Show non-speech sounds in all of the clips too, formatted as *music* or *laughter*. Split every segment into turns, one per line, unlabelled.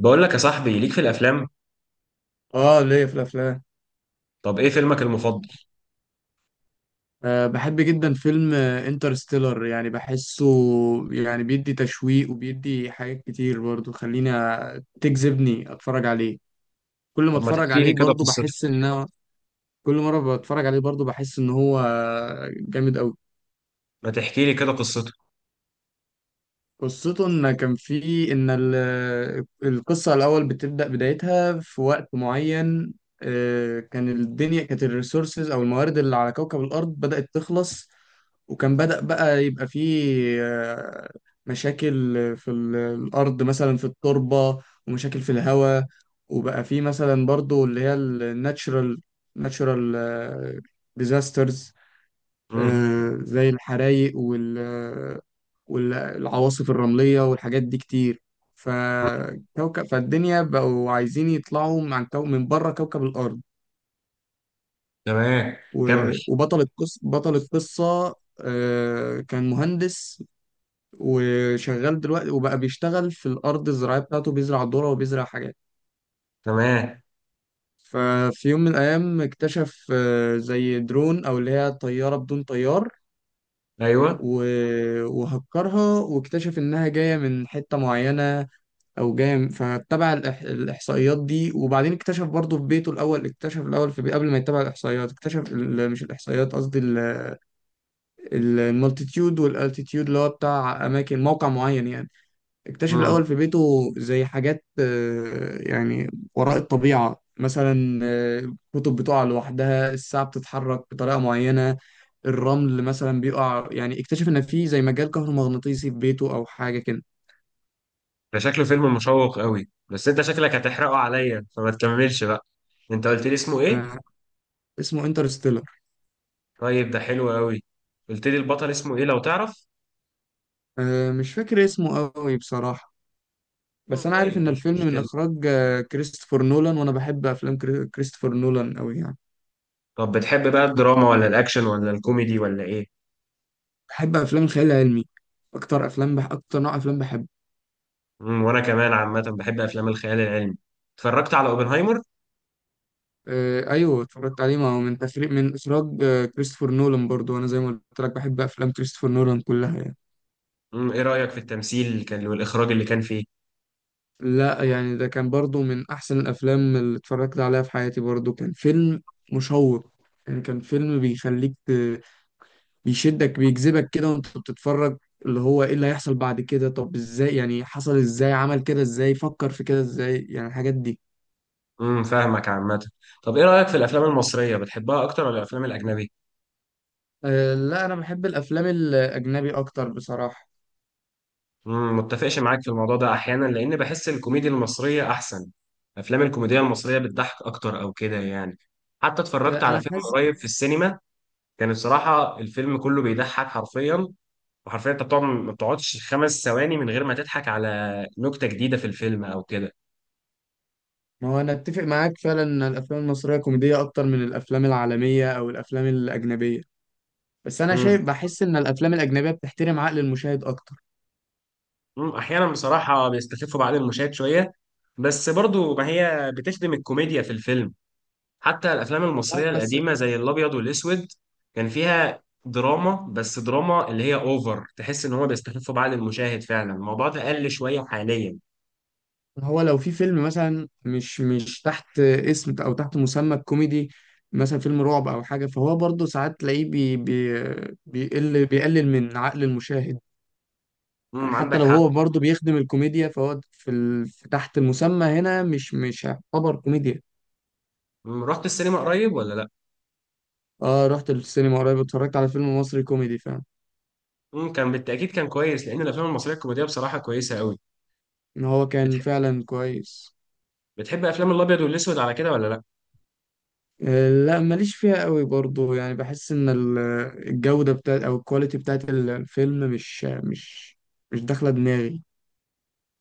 بقول لك يا صاحبي، ليك في الافلام؟
اه ليا في الافلام.
طب ايه فيلمك المفضل؟
بحب جدا فيلم انترستيلر، يعني بحسه. يعني بيدي تشويق وبيدي حاجات كتير برضو، خليني تجذبني اتفرج عليه. كل ما
طب ما
اتفرج
تحكي
عليه
لي كده
برضو
قصته.
بحس ان كل مرة بتفرج عليه برضو بحس ان هو جامد قوي.
ما تحكي لي كده قصته.
قصته ان كان في ان القصه الاول بتبدا بدايتها في وقت معين. كان الدنيا كانت الريسورسز او الموارد اللي على كوكب الارض بدات تخلص، وكان بدأ بقى يبقى فيه آه، مشاكل في الأرض، مثلا في التربة، ومشاكل في الهواء. وبقى فيه مثلا برضو اللي هي ناتشرال ديزاسترز،
امم.
زي الحرايق والعواصف الرملية والحاجات دي كتير. فالدنيا بقوا عايزين يطلعوا من من بره كوكب الأرض.
تمام.
و...
كمل.
وبطل القصة بطل القصة كان مهندس وشغال دلوقتي، وبقى بيشتغل في الأرض الزراعية بتاعته، بيزرع ذرة وبيزرع حاجات.
تمام.
ففي يوم من الأيام اكتشف زي درون، أو اللي هي طيارة بدون طيار،
ايوه.
وهكرها، واكتشف انها جايه من حته معينه فاتبع الاحصائيات دي. وبعدين اكتشف برضه في بيته، الاول اكتشف الاول في قبل ما يتبع الاحصائيات اكتشف مش الاحصائيات قصدي، المالتيتيود والالتيتيود اللي هو بتاع اماكن موقع معين يعني. اكتشف
امم.
الاول في بيته زي حاجات، يعني وراء الطبيعه، مثلا كتب بتقع لوحدها، الساعه بتتحرك بطريقه معينه، الرمل مثلا بيقع. يعني اكتشف ان في زي مجال كهرومغناطيسي في بيته، او حاجه كده.
ده شكله فيلم مشوق قوي، بس انت شكلك هتحرقه عليا فما تكملش بقى. انت قلت لي اسمه ايه؟
آه. اسمه انترستيلر.
طيب ده حلو قوي. قلت لي البطل اسمه ايه لو تعرف؟
مش فاكر اسمه قوي بصراحه، بس
امم،
انا عارف ان
طيب مش
الفيلم من
مشكلة.
اخراج كريستوفر نولان، وانا بحب افلام كريستوفر نولان قوي يعني.
طب بتحب بقى الدراما ولا الاكشن ولا الكوميدي ولا ايه؟
بحب افلام الخيال العلمي، اكتر افلام اكتر نوع افلام بحبه.
امم، وانا كمان عامة بحب افلام الخيال العلمي. اتفرجت على اوبنهايمر؟
ايوه، اتفرجت عليه، ما هو من اخراج كريستوفر نولان برضو، وانا زي ما قلت لك بحب افلام كريستوفر نولان كلها يعني.
امم، ايه رأيك في التمثيل اللي كان والاخراج اللي كان فيه؟
لا، يعني ده كان برضو من أحسن الأفلام اللي اتفرجت عليها في حياتي، برضو كان فيلم مشوق. يعني كان فيلم بيخليك بيشدك، بيجذبك كده وانت بتتفرج، اللي هو ايه اللي هيحصل بعد كده؟ طب ازاي يعني حصل؟ ازاي عمل كده؟ ازاي فكر في كده؟ ازاي يعني الحاجات دي.
امم، فاهمك عامة. طب ايه رأيك في الافلام المصرية، بتحبها اكتر ولا الافلام الاجنبي؟
لا، أنا بحب الأفلام الأجنبي أكتر بصراحة.
امم، متفقش معاك في الموضوع ده احيانا، لان بحس الكوميديا المصرية احسن. افلام الكوميديا المصرية بتضحك اكتر او كده يعني. حتى اتفرجت على
أنا
فيلم
حاسس.
قريب في السينما، كان الصراحة الفيلم كله بيضحك حرفيا. وحرفيا انت بتقعد ما بتقعدش خمس ثواني من غير ما تضحك على نكتة جديدة في الفيلم او كده.
ما هو أنا أتفق معاك فعلا إن الأفلام المصرية كوميدية أكتر من الأفلام العالمية أو الأفلام الأجنبية، بس أنا شايف، بحس إن الأفلام الأجنبية بتحترم عقل المشاهد أكتر.
مم، احيانا بصراحه بيستخفوا بعض المشاهد شويه، بس برضو ما هي بتخدم الكوميديا في الفيلم. حتى الافلام
صح،
المصريه
بس
القديمه زي الابيض والاسود كان فيها دراما، بس دراما اللي هي اوفر، تحس ان هو بيستخفوا بعض المشاهد فعلا. الموضوع ده قل شويه حاليا.
هو لو في فيلم مثلا مش تحت اسم او تحت مسمى الكوميدي، مثلا فيلم رعب او حاجه، فهو برضه ساعات تلاقيه بي بي بيقلل من عقل المشاهد. يعني
امم،
حتى
عندك
لو
حق.
هو برضه بيخدم الكوميديا، فهو في في تحت المسمى هنا مش هيعتبر كوميديا.
مم، رحت السينما قريب ولا لا؟
اه، رحت السينما قريب، اتفرجت على فيلم مصري كوميدي فعلا.
امم، كان بالتاكيد كان كويس، لان الافلام المصريه الكوميديه بصراحه كويسه قوي.
ان هو كان
بتح...
فعلا كويس.
بتحب افلام الابيض والاسود على كده ولا لا؟
لا، ماليش فيها قوي برضو، يعني بحس ان الجودة بتاعت او الكواليتي بتاعت الفيلم مش داخلة دماغي.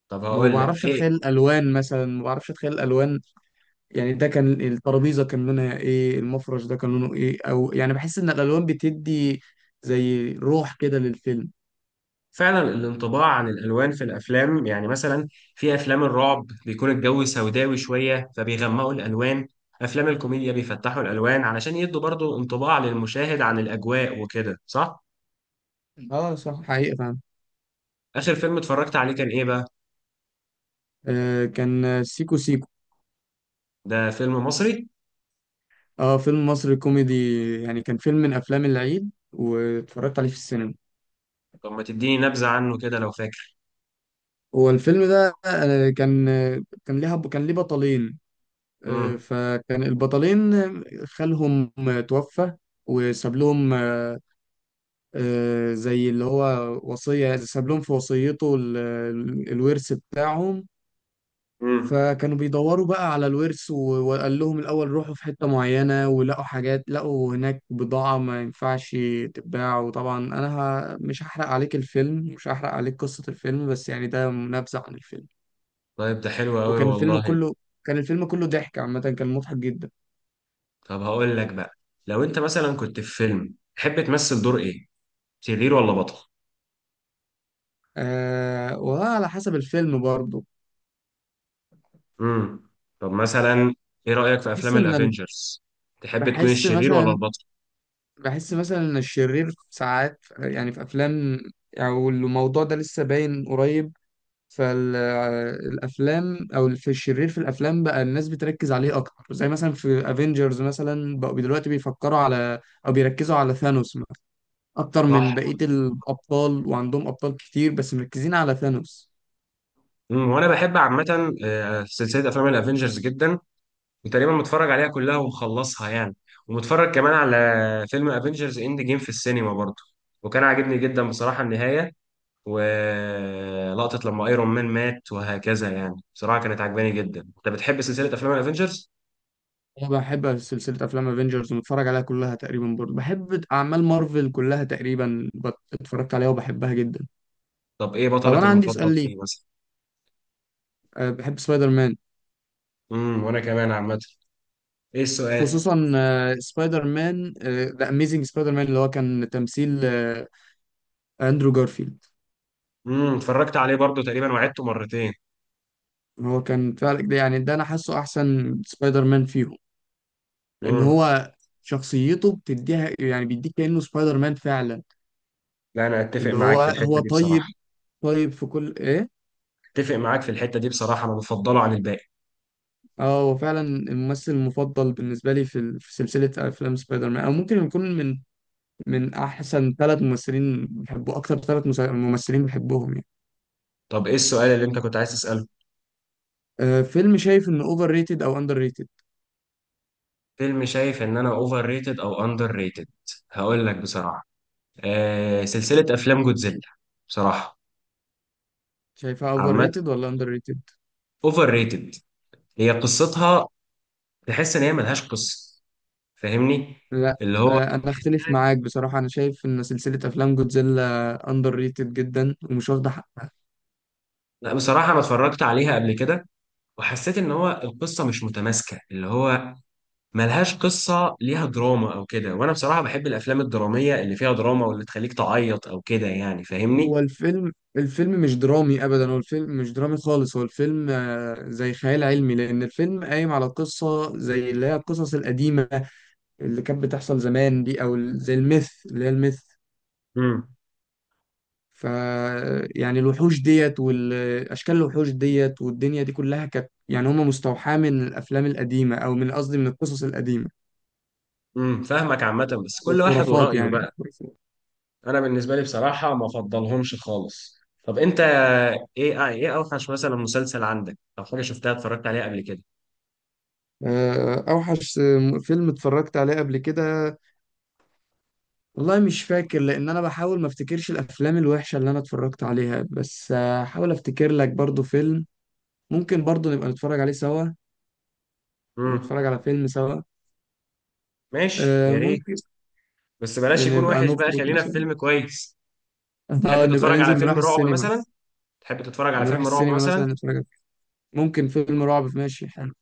طب
ما
هقول لك
بعرفش اتخيل
ايه.
الالوان مثلا، ما بعرفش اتخيل الالوان. يعني ده كان الترابيزة كان لونها ايه؟ المفرش ده كان لونه ايه؟ او يعني بحس ان الالوان بتدي زي روح كده للفيلم.
فعلا الانطباع عن الالوان في الافلام، يعني مثلا في افلام الرعب بيكون الجو سوداوي شويه فبيغمقوا الالوان، افلام الكوميديا بيفتحوا الالوان علشان يدوا برضو انطباع للمشاهد عن الاجواء وكده، صح.
اه صح، حقيقة فعلا.
اخر فيلم اتفرجت عليه كان ايه بقى؟
كان سيكو سيكو.
ده فيلم مصري؟
اه، فيلم مصري كوميدي، يعني كان فيلم من افلام العيد واتفرجت عليه في السينما.
طب ما تديني نبذه عنه كده لو فاكر.
هو الفيلم ده كان، كان ليها كان ليه بطلين.
امم.
فكان البطلين خالهم توفى، وساب لهم زي اللي هو وصية، ساب لهم في وصيته الورث بتاعهم.
امم.
فكانوا بيدوروا بقى على الورث، وقال لهم الأول روحوا في حتة معينة، ولقوا حاجات، لقوا هناك بضاعة ما ينفعش تتباع. وطبعا أنا مش هحرق عليك قصة الفيلم، بس يعني ده نبذة عن الفيلم.
طيب ده حلو قوي
وكان الفيلم
والله.
كله كان الفيلم كله ضحك عامة، كان مضحك جدا.
طب هقول لك بقى، لو انت مثلا كنت في فيلم تحب تمثل دور ايه، شرير ولا بطل؟
والله على حسب الفيلم برضه.
امم، طب مثلا ايه رأيك في
بحس
افلام
ان ال-
الافينجرز؟ تحب تكون
بحس
الشرير ولا
مثلا
البطل؟
بحس مثلا ان الشرير ساعات يعني في افلام، او الموضوع ده لسه باين قريب. فالافلام او في الشرير في الافلام بقى الناس بتركز عليه اكتر، زي مثلا في افنجرز مثلا بقوا دلوقتي بيفكروا على، او بيركزوا على ثانوس مثلا اكتر من
صح.
بقية الابطال. وعندهم ابطال كتير بس مركزين على ثانوس.
امم، وانا بحب عامة آه، سلسلة افلام الافينجرز جدا. وتقريبا متفرج عليها كلها ومخلصها يعني. ومتفرج كمان على فيلم افينجرز اند جيم في السينما برضه، وكان عاجبني جدا بصراحة النهاية، ولقطة لما ايرون مان مات وهكذا. يعني بصراحة كانت عجباني جدا. انت بتحب سلسلة افلام الافينجرز؟
انا بحب سلسله افلام افنجرز ومتفرج عليها كلها تقريبا، برضه بحب اعمال مارفل كلها تقريبا، اتفرجت عليها وبحبها جدا.
طب ايه
طب
بطلك
انا عندي
المفضل
سؤال ليك.
فيه مثلا؟
بحب سبايدر مان،
امم، وانا كمان عامة. ايه السؤال؟
خصوصا سبايدر مان ذا اميزنج سبايدر مان اللي هو كان تمثيل اندرو جارفيلد.
امم، اتفرجت عليه برضو تقريبا وعدته مرتين.
هو كان فعلا، ده يعني، ده انا حاسه احسن سبايدر مان فيهم، لان
امم،
هو شخصيته بتديها، يعني بيديك كانه سبايدر مان فعلا.
لا انا اتفق
اللي
معاك
هو
في
هو
الحته دي بصراحه.
طيب، طيب في كل ايه.
اتفق معاك في الحته دي بصراحه، انا بفضله عن الباقي.
اه، هو فعلا الممثل المفضل بالنسبة لي في في سلسلة أفلام سبايدر مان، أو ممكن يكون من أحسن ثلاث ممثلين بحبه، أكتر ثلاث ممثلين بحبهم يعني.
طب ايه السؤال اللي انت كنت عايز تساله؟
فيلم شايف إنه أوفر ريتد أو أندر ريتد؟
فيلم شايف ان انا اوفر ريتد او اندر ريتد؟ هقول لك بصراحه، آه، سلسله افلام جودزيلا. بصراحه
شايفها أوفر
عامه
ريتد ولا أندر ريتد؟
اوفر ريتد. هي قصتها، تحس ان هي ملهاش قصه. فاهمني؟
لا.
اللي هو
أنا أختلف
تحسها-
معاك بصراحة، أنا شايف إن سلسلة أفلام جودزيلا أندر ريتد جدا ومش واخدة حق.
لا بصراحه انا اتفرجت عليها قبل كده، وحسيت ان هو القصه مش متماسكه، اللي هو ملهاش قصة ليها دراما أو كده. وأنا بصراحة بحب الأفلام الدرامية اللي فيها دراما، واللي تخليك تعيط أو كده، يعني فاهمني؟
هو الفيلم مش درامي ابدا، هو الفيلم مش درامي خالص. هو الفيلم زي خيال علمي، لان الفيلم قايم على قصه زي اللي هي القصص القديمه اللي كانت بتحصل زمان دي، او زي الميث، اللي هي الميث.
امم.
ف يعني الوحوش ديت والاشكال، الوحوش ديت والدنيا دي كلها كانت، يعني هم مستوحاه من الافلام القديمه، او قصدي من القصص القديمه
امم، فاهمك عامة، بس كل واحد
والخرافات،
ورأيه
يعني
بقى.
الخرافات.
أنا بالنسبة لي بصراحة ما أفضلهمش خالص. طب أنت، إيه أوحش مثلا مسلسل عندك أو حاجة شفتها اتفرجت عليها قبل كده؟
اوحش فيلم اتفرجت عليه قبل كده، والله مش فاكر، لان انا بحاول ما افتكرش الافلام الوحشه اللي انا اتفرجت عليها، بس هحاول افتكر لك برضو فيلم، ممكن برضو نبقى نتفرج عليه سوا، نتفرج
امم،
على فيلم سوا.
ماشي يا ريت.
ممكن
بس بلاش
يعني
يكون
نبقى
وحش بقى،
نخرج
خلينا في
مثلا.
فيلم كويس.
*laughs* اه،
تحب
نبقى
تتفرج على
ننزل نروح
فيلم رعب
السينما،
مثلا؟ تحب تتفرج على
نروح
فيلم رعب
السينما مثلا
مثلا؟
نتفرج ممكن فيلم رعب، ماشي حلو.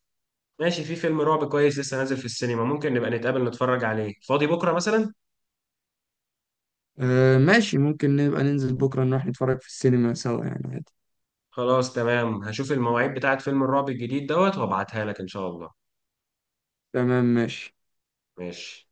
ماشي، في فيلم رعب كويس لسه نازل في السينما، ممكن نبقى نتقابل نتفرج عليه، فاضي بكرة مثلا؟
آه ماشي، ممكن نبقى ننزل بكرة نروح نتفرج في السينما سوا يعني عادي.
خلاص تمام، هشوف المواعيد بتاعت فيلم الرعب الجديد دوت وابعتها لك ان شاء الله.
تمام ماشي.
ماشي.